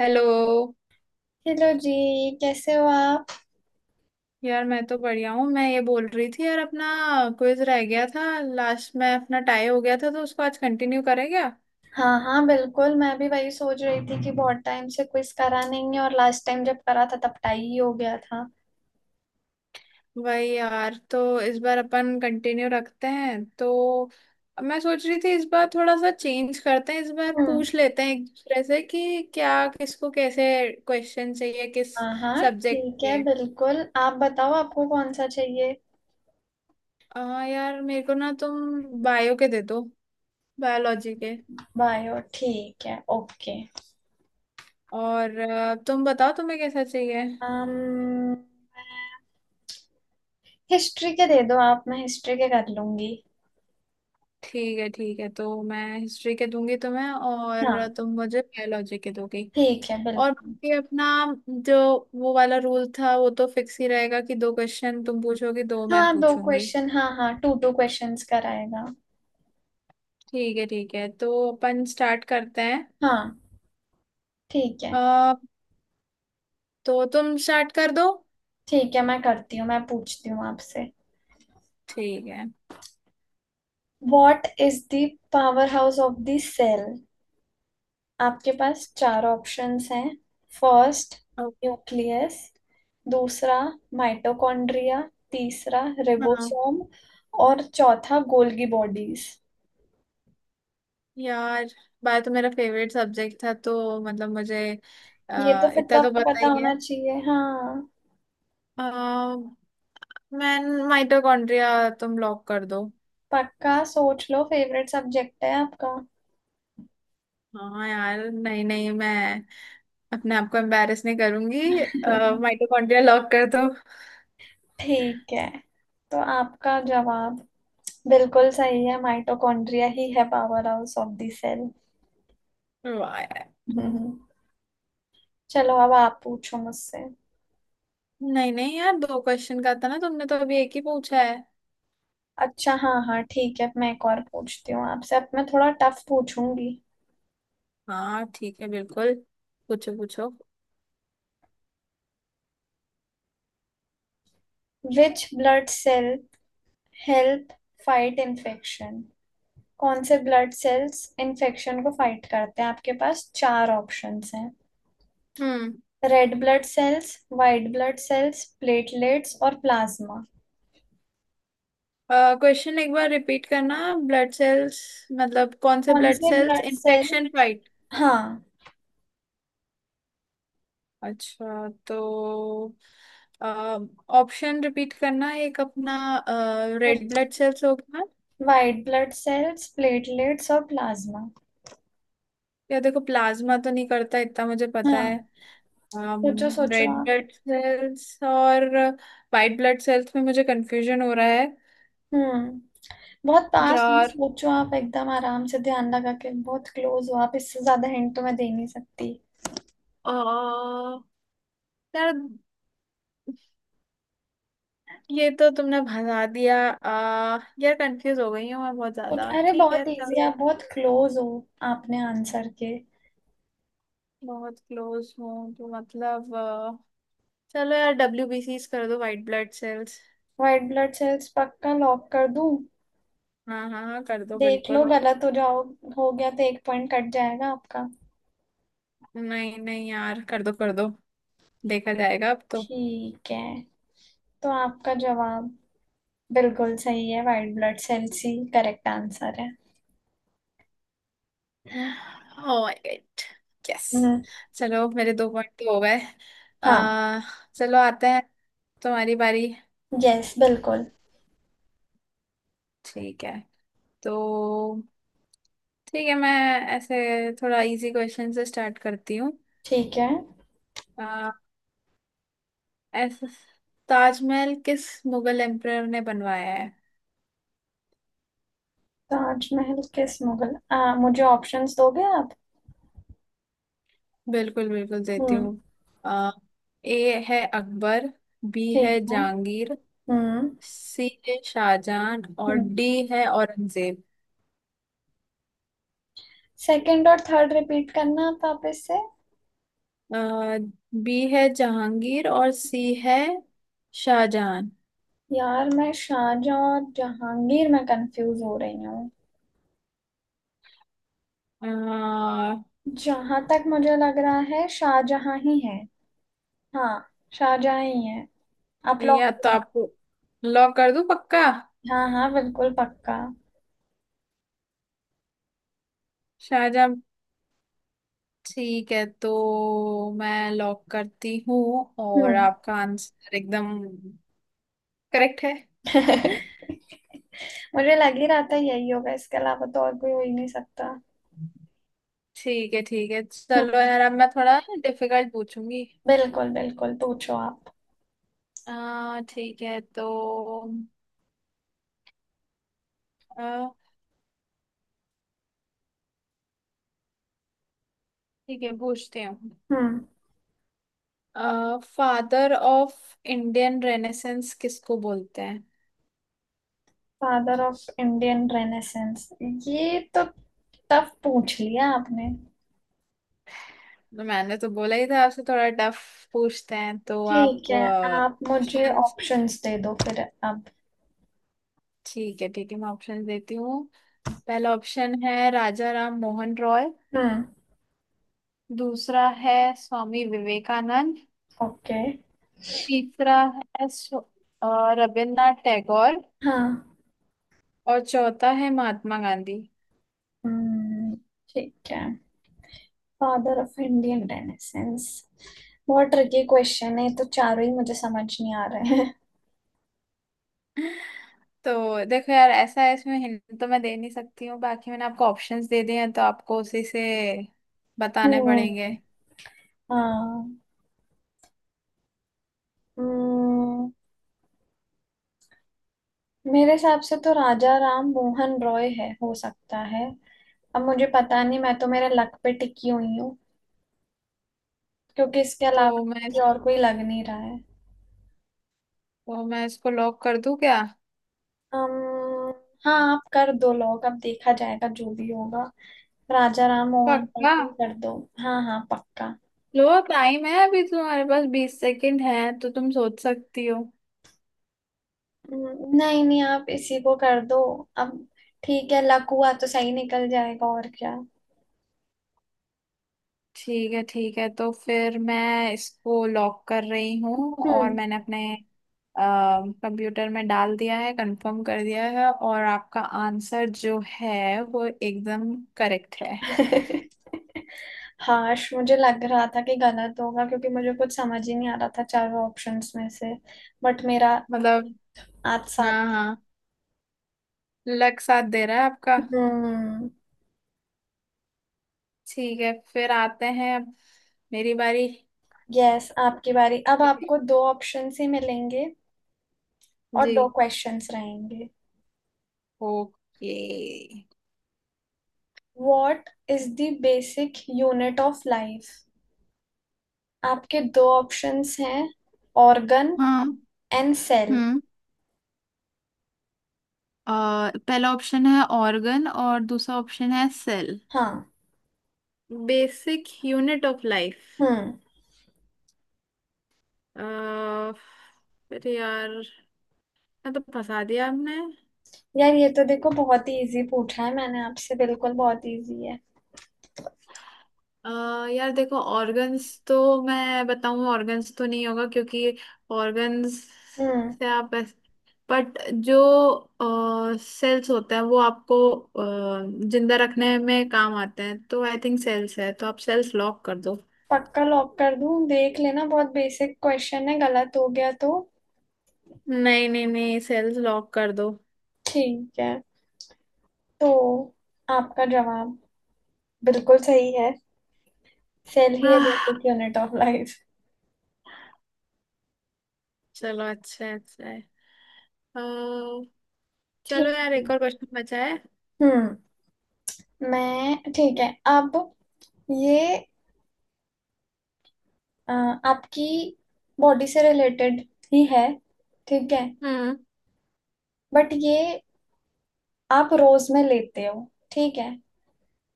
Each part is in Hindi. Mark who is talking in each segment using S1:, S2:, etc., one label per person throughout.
S1: हेलो।
S2: हेलो जी। कैसे हो आप।
S1: यार मैं तो बढ़िया हूँ। मैं ये बोल रही थी यार, अपना क्विज रह गया था लास्ट में, अपना टाई हो गया था, तो उसको आज कंटिन्यू करें क्या?
S2: हाँ हाँ, बिल्कुल मैं भी वही सोच रही थी कि बहुत टाइम से क्विज करा नहीं है, और लास्ट टाइम जब करा था तब टाई ही हो गया था।
S1: वही यार, तो इस बार अपन कंटिन्यू रखते हैं। तो मैं सोच रही थी इस बार थोड़ा सा चेंज करते हैं, इस बार
S2: हम्म।
S1: पूछ लेते हैं एक दूसरे से कि क्या, किसको कैसे क्वेश्चन चाहिए, किस
S2: हाँ हाँ
S1: सब्जेक्ट
S2: ठीक है,
S1: पे।
S2: बिल्कुल आप बताओ, आपको कौन सा चाहिए।
S1: हाँ यार, मेरे को ना तुम बायो के दे दो, बायोलॉजी के।
S2: बायो, ठीक है, ओके।
S1: और तुम बताओ तुम्हें कैसा चाहिए।
S2: um, हिस्ट्री के दे दो आप, मैं हिस्ट्री के कर लूंगी।
S1: ठीक है ठीक है, तो मैं हिस्ट्री के दूंगी तुम्हें और
S2: हाँ,
S1: तुम मुझे बायोलॉजी के दोगी।
S2: ठीक है
S1: और
S2: बिल्कुल।
S1: बाकी अपना जो वो वाला रूल था वो तो फिक्स ही रहेगा कि दो क्वेश्चन तुम पूछोगी, दो मैं
S2: हाँ दो
S1: पूछूंगी।
S2: क्वेश्चन, हाँ हाँ टू टू क्वेश्चंस कराएगा।
S1: ठीक है ठीक है, तो अपन स्टार्ट करते हैं।
S2: हाँ। ठीक है
S1: अ, तो तुम स्टार्ट कर दो।
S2: ठीक है, मैं करती हूँ, मैं पूछती हूँ आपसे।
S1: ठीक है।
S2: What is the power house of the cell. आपके पास चार ऑप्शंस हैं। फर्स्ट
S1: ओ,
S2: न्यूक्लियस, दूसरा माइटोकॉन्ड्रिया, तीसरा
S1: हाँ
S2: रिबोसोम, और चौथा गोल्गी बॉडीज।
S1: यार, बायो तो मेरा फेवरेट सब्जेक्ट था, तो मतलब मुझे
S2: ये तो फिर तो
S1: इतना तो
S2: आपको
S1: पता
S2: पता
S1: ही है।
S2: होना चाहिए, हाँ।
S1: अ, मैं माइटोकॉन्ड्रिया, तुम लॉक कर दो।
S2: पक्का सोच लो, फेवरेट सब्जेक्ट है आपका।
S1: हाँ यार, नहीं नहीं, मैं अपने आप को एम्बेरस नहीं करूंगी। माइटोकॉन्ड्रिया लॉक कर दो।
S2: ठीक है, तो आपका जवाब बिल्कुल सही है, माइटोकॉन्ड्रिया ही है power house of the cell.
S1: वाह यार।
S2: चलो अब आप पूछो मुझसे।
S1: नहीं नहीं यार, दो क्वेश्चन का था ना, तुमने तो अभी एक ही पूछा है।
S2: अच्छा हाँ हाँ ठीक है, मैं एक और पूछती हूँ आपसे, अब मैं थोड़ा टफ पूछूंगी।
S1: हाँ ठीक है बिल्कुल, पूछो पूछो।
S2: Which blood cell help fight infection. कौन से ब्लड सेल्स इन्फेक्शन को फाइट करते हैं। आपके पास चार ऑप्शंस हैं।
S1: हम्म।
S2: Red blood cells, white blood cells, platelets और प्लाज्मा।
S1: क्वेश्चन एक बार रिपीट करना। ब्लड सेल्स, मतलब कौन से
S2: कौन
S1: ब्लड
S2: से
S1: cells
S2: blood cell,
S1: infection fight.
S2: हाँ।
S1: अच्छा तो ऑप्शन रिपीट करना एक, अपना रेड ब्लड सेल्स होगा
S2: वाइट ब्लड सेल्स, प्लेटलेट्स और प्लाज्मा।
S1: या, देखो प्लाज्मा तो नहीं करता इतना मुझे पता है।
S2: हाँ, सोचो सोचो
S1: रेड
S2: आप।
S1: ब्लड सेल्स और वाइट ब्लड सेल्स में मुझे कंफ्यूजन हो रहा है।
S2: हम्म। बहुत पास में
S1: यार
S2: सोचो आप, एकदम आराम से ध्यान लगा के, बहुत क्लोज हो आप, इससे ज्यादा हिंट तो मैं दे नहीं सकती।
S1: आ, यार ये तो तुमने भगा दिया, यार कंफ्यूज हो गई हूँ मैं बहुत ज्यादा।
S2: अरे
S1: ठीक है
S2: बहुत इजी,
S1: चलो,
S2: आप बहुत क्लोज हो आपने आंसर के।
S1: बहुत क्लोज हूँ तो मतलब चलो यार, WBCs कर दो, white blood cells.
S2: White blood cells, पक्का लॉक कर दूं।
S1: हाँ हाँ हाँ कर दो
S2: देख लो,
S1: बिल्कुल।
S2: गलत हो जाओ हो गया तो एक पॉइंट कट जाएगा आपका।
S1: नहीं नहीं यार कर दो कर दो, देखा जाएगा अब तो।
S2: ठीक है, तो आपका जवाब बिल्कुल सही है, व्हाइट ब्लड सेल्स ही करेक्ट आंसर है।
S1: ओह माय गॉड। यस।
S2: हम्म।
S1: चलो मेरे दो पॉइंट तो हो गए।
S2: हाँ।
S1: आ, चलो आते हैं, तुम्हारी बारी।
S2: यस बिल्कुल।
S1: ठीक है, तो ठीक है, मैं ऐसे थोड़ा इजी क्वेश्चन से स्टार्ट करती हूँ।
S2: ठीक है।
S1: आ, ऐसे ताजमहल किस मुगल एम्परर ने बनवाया है?
S2: ताजमहल किस मुगल, मुझे ऑप्शंस दोगे आप।
S1: बिल्कुल बिल्कुल देती
S2: हम्म।
S1: हूँ। आ, ए है अकबर, बी है
S2: ठीक है।
S1: जहांगीर,
S2: हम्म।
S1: सी है शाहजहां, और डी है औरंगजेब।
S2: सेकंड और थर्ड रिपीट करना आप वापस से।
S1: आ, बी है जहांगीर और सी है शाहजहां।
S2: यार मैं शाहजहां और जहांगीर में कंफ्यूज हो रही हूँ।
S1: आ,
S2: जहां तक मुझे लग रहा है शाहजहां ही है। हाँ, शाहजहां ही है, आप लोग।
S1: या तो आपको लॉक कर दूं पक्का?
S2: हाँ हाँ बिल्कुल पक्का।
S1: शाहजहां। ठीक है तो मैं लॉक करती हूँ, और
S2: हम्म।
S1: आपका आंसर एकदम करेक्ट है।
S2: मुझे लग ही रहा था यही होगा, इसके अलावा तो और कोई हो ही नहीं सकता।
S1: ठीक है ठीक है
S2: हम्म।
S1: चलो यार, अब मैं थोड़ा डिफिकल्ट पूछूंगी।
S2: बिल्कुल बिल्कुल पूछो आप।
S1: ठीक है तो आ, ठीक है पूछती हूँ।
S2: हम्म।
S1: फादर ऑफ इंडियन रेनेसेंस किसको बोलते हैं?
S2: फादर ऑफ इंडियन रेनेसेंस, ये तो टफ पूछ लिया आपने।
S1: तो मैंने तो बोला ही था आपसे थोड़ा टफ पूछते हैं, तो
S2: ठीक
S1: आप
S2: है, आप मुझे
S1: ऑप्शन।
S2: ऑप्शंस दे दो फिर, अब।
S1: ठीक है ठीक है, मैं ऑप्शन देती हूँ। पहला ऑप्शन है राजा राम मोहन रॉय।
S2: हम्म।
S1: दूसरा है स्वामी विवेकानंद।
S2: ओके।
S1: तीसरा है रविन्द्रनाथ टैगोर।
S2: हाँ।
S1: और चौथा है महात्मा गांधी।
S2: हम्म। ठीक है। फादर ऑफ इंडियन रेनेसेंस बहुत ट्रिकी क्वेश्चन है, तो चारों ही मुझे समझ नहीं आ रहे हैं।
S1: तो देखो यार, ऐसा है इसमें हिंट तो मैं दे नहीं सकती हूँ, बाकी मैंने आपको ऑप्शंस दे दिए हैं, तो आपको उसी से बताने पड़ेंगे।
S2: हम्म। हाँ। हम्म। मेरे हिसाब से तो राजा राम मोहन रॉय है, हो सकता है। अब मुझे पता नहीं, मैं तो मेरे लक पे टिकी हुई हूँ, क्योंकि इसके अलावा
S1: तो मैं
S2: मुझे और कोई लग नहीं रहा है।
S1: तो मैं इसको लॉक कर दूं क्या?
S2: अम्म, हाँ आप कर दो लोग, अब देखा जाएगा जो भी होगा। राजा राम मोहन पर
S1: पक्का?
S2: कोई कर दो। हाँ हाँ पक्का।
S1: लो टाइम है अभी, तुम्हारे पास 20 सेकंड है, तो तुम सोच सकती हो।
S2: नहीं नहीं आप इसी को कर दो अब। ठीक है, लक हुआ तो सही निकल जाएगा, और क्या।
S1: ठीक है ठीक है, तो फिर मैं इसको लॉक कर रही हूँ और
S2: हम्म।
S1: मैंने अपने कंप्यूटर में डाल दिया है, कंफर्म कर दिया है, और आपका आंसर जो है वो एकदम करेक्ट है।
S2: हाश, मुझे लग रहा था कि गलत होगा क्योंकि मुझे कुछ समझ ही नहीं आ रहा था चारों ऑप्शंस में से। बट मेरा
S1: मतलब
S2: आज
S1: हाँ
S2: साथ।
S1: हाँ, लक साथ दे रहा है आपका।
S2: हम्म।
S1: ठीक है फिर आते हैं अब, मेरी बारी।
S2: यस आपकी बारी। अब आपको दो ऑप्शंस ही मिलेंगे और
S1: जी,
S2: दो क्वेश्चंस रहेंगे।
S1: Okay.
S2: What is the basic unit of life. आपके दो ऑप्शंस हैं। ऑर्गन
S1: हाँ।
S2: And cell.
S1: हम्म। पहला ऑप्शन है ऑर्गन और दूसरा ऑप्शन है सेल।
S2: हाँ।
S1: Basic unit of life.
S2: हम्म।
S1: अरे यार, मैं तो फंसा दिया आपने।
S2: यार ये तो देखो बहुत ही इजी पूछा है मैंने आपसे, बिल्कुल बहुत इजी है।
S1: अ यार देखो ऑर्गन्स तो, मैं बताऊं ऑर्गन्स तो नहीं होगा क्योंकि ऑर्गन्स
S2: हम्म।
S1: से आप, बट जो सेल्स होते हैं वो आपको जिंदा रखने में काम आते हैं, तो आई थिंक सेल्स है, तो आप सेल्स लॉक कर दो।
S2: पक्का लॉक कर दूं, देख लेना बहुत बेसिक क्वेश्चन है, गलत हो गया तो।
S1: नहीं नहीं नहीं, सेल्स लॉक कर दो।
S2: ठीक है, तो आपका जवाब बिल्कुल सही है, सेल ही है
S1: ah.
S2: Basic unit of life.
S1: चलो अच्छा है, अच्छा है। अ, चलो
S2: ठीक
S1: यार
S2: है।
S1: एक और क्वेश्चन बचा है।
S2: हम्म। मैं ठीक है। अब ये अ, आपकी बॉडी से रिलेटेड ही है, ठीक है,
S1: हम्म।
S2: बट ये आप रोज में लेते हो, ठीक है।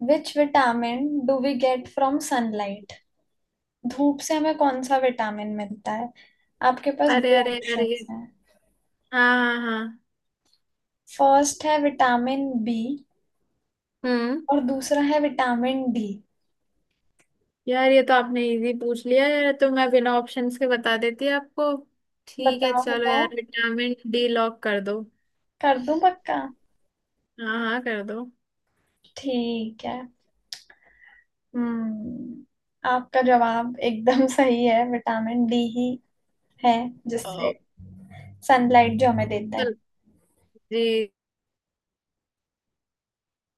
S2: Which vitamin do we get from sunlight. धूप से हमें कौन सा विटामिन मिलता है। आपके पास
S1: अरे
S2: दो
S1: अरे अरे।
S2: ऑप्शंस हैं।
S1: हाँ हाँ हाँ।
S2: फर्स्ट है विटामिन बी,
S1: हम्म।
S2: और दूसरा है विटामिन डी।
S1: यार ये तो आपने इजी पूछ लिया यार, तो मैं बिना ऑप्शंस के बता देती आपको। ठीक है
S2: बताओ
S1: चलो
S2: बताओ,
S1: यार, विटामिन डी लॉक कर दो।
S2: कर दूं पक्का।
S1: हाँ हाँ कर दो।
S2: ठीक है। हम्म। आपका जवाब एकदम सही है, विटामिन डी ही है
S1: अ,
S2: जिससे सनलाइट जो हमें देता है।
S1: चल जी।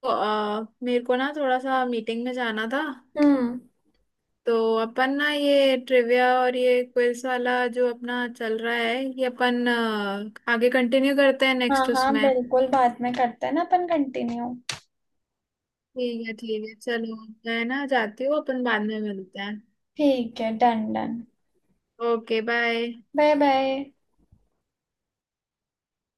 S1: तो, मेरे को ना थोड़ा सा मीटिंग में जाना था,
S2: हम्म।
S1: तो अपन ना ये ट्रिविया और ये क्विज वाला जो अपना चल रहा है, ये अपन आगे कंटिन्यू करते हैं
S2: हाँ
S1: नेक्स्ट
S2: हाँ
S1: उसमें।
S2: बिल्कुल, बाद में करते हैं ना अपन कंटिन्यू।
S1: ठीक है चलो, मैं ना जाती हूँ, अपन बाद में मिलते हैं।
S2: ठीक है, done done.
S1: Okay bye.
S2: Bye bye.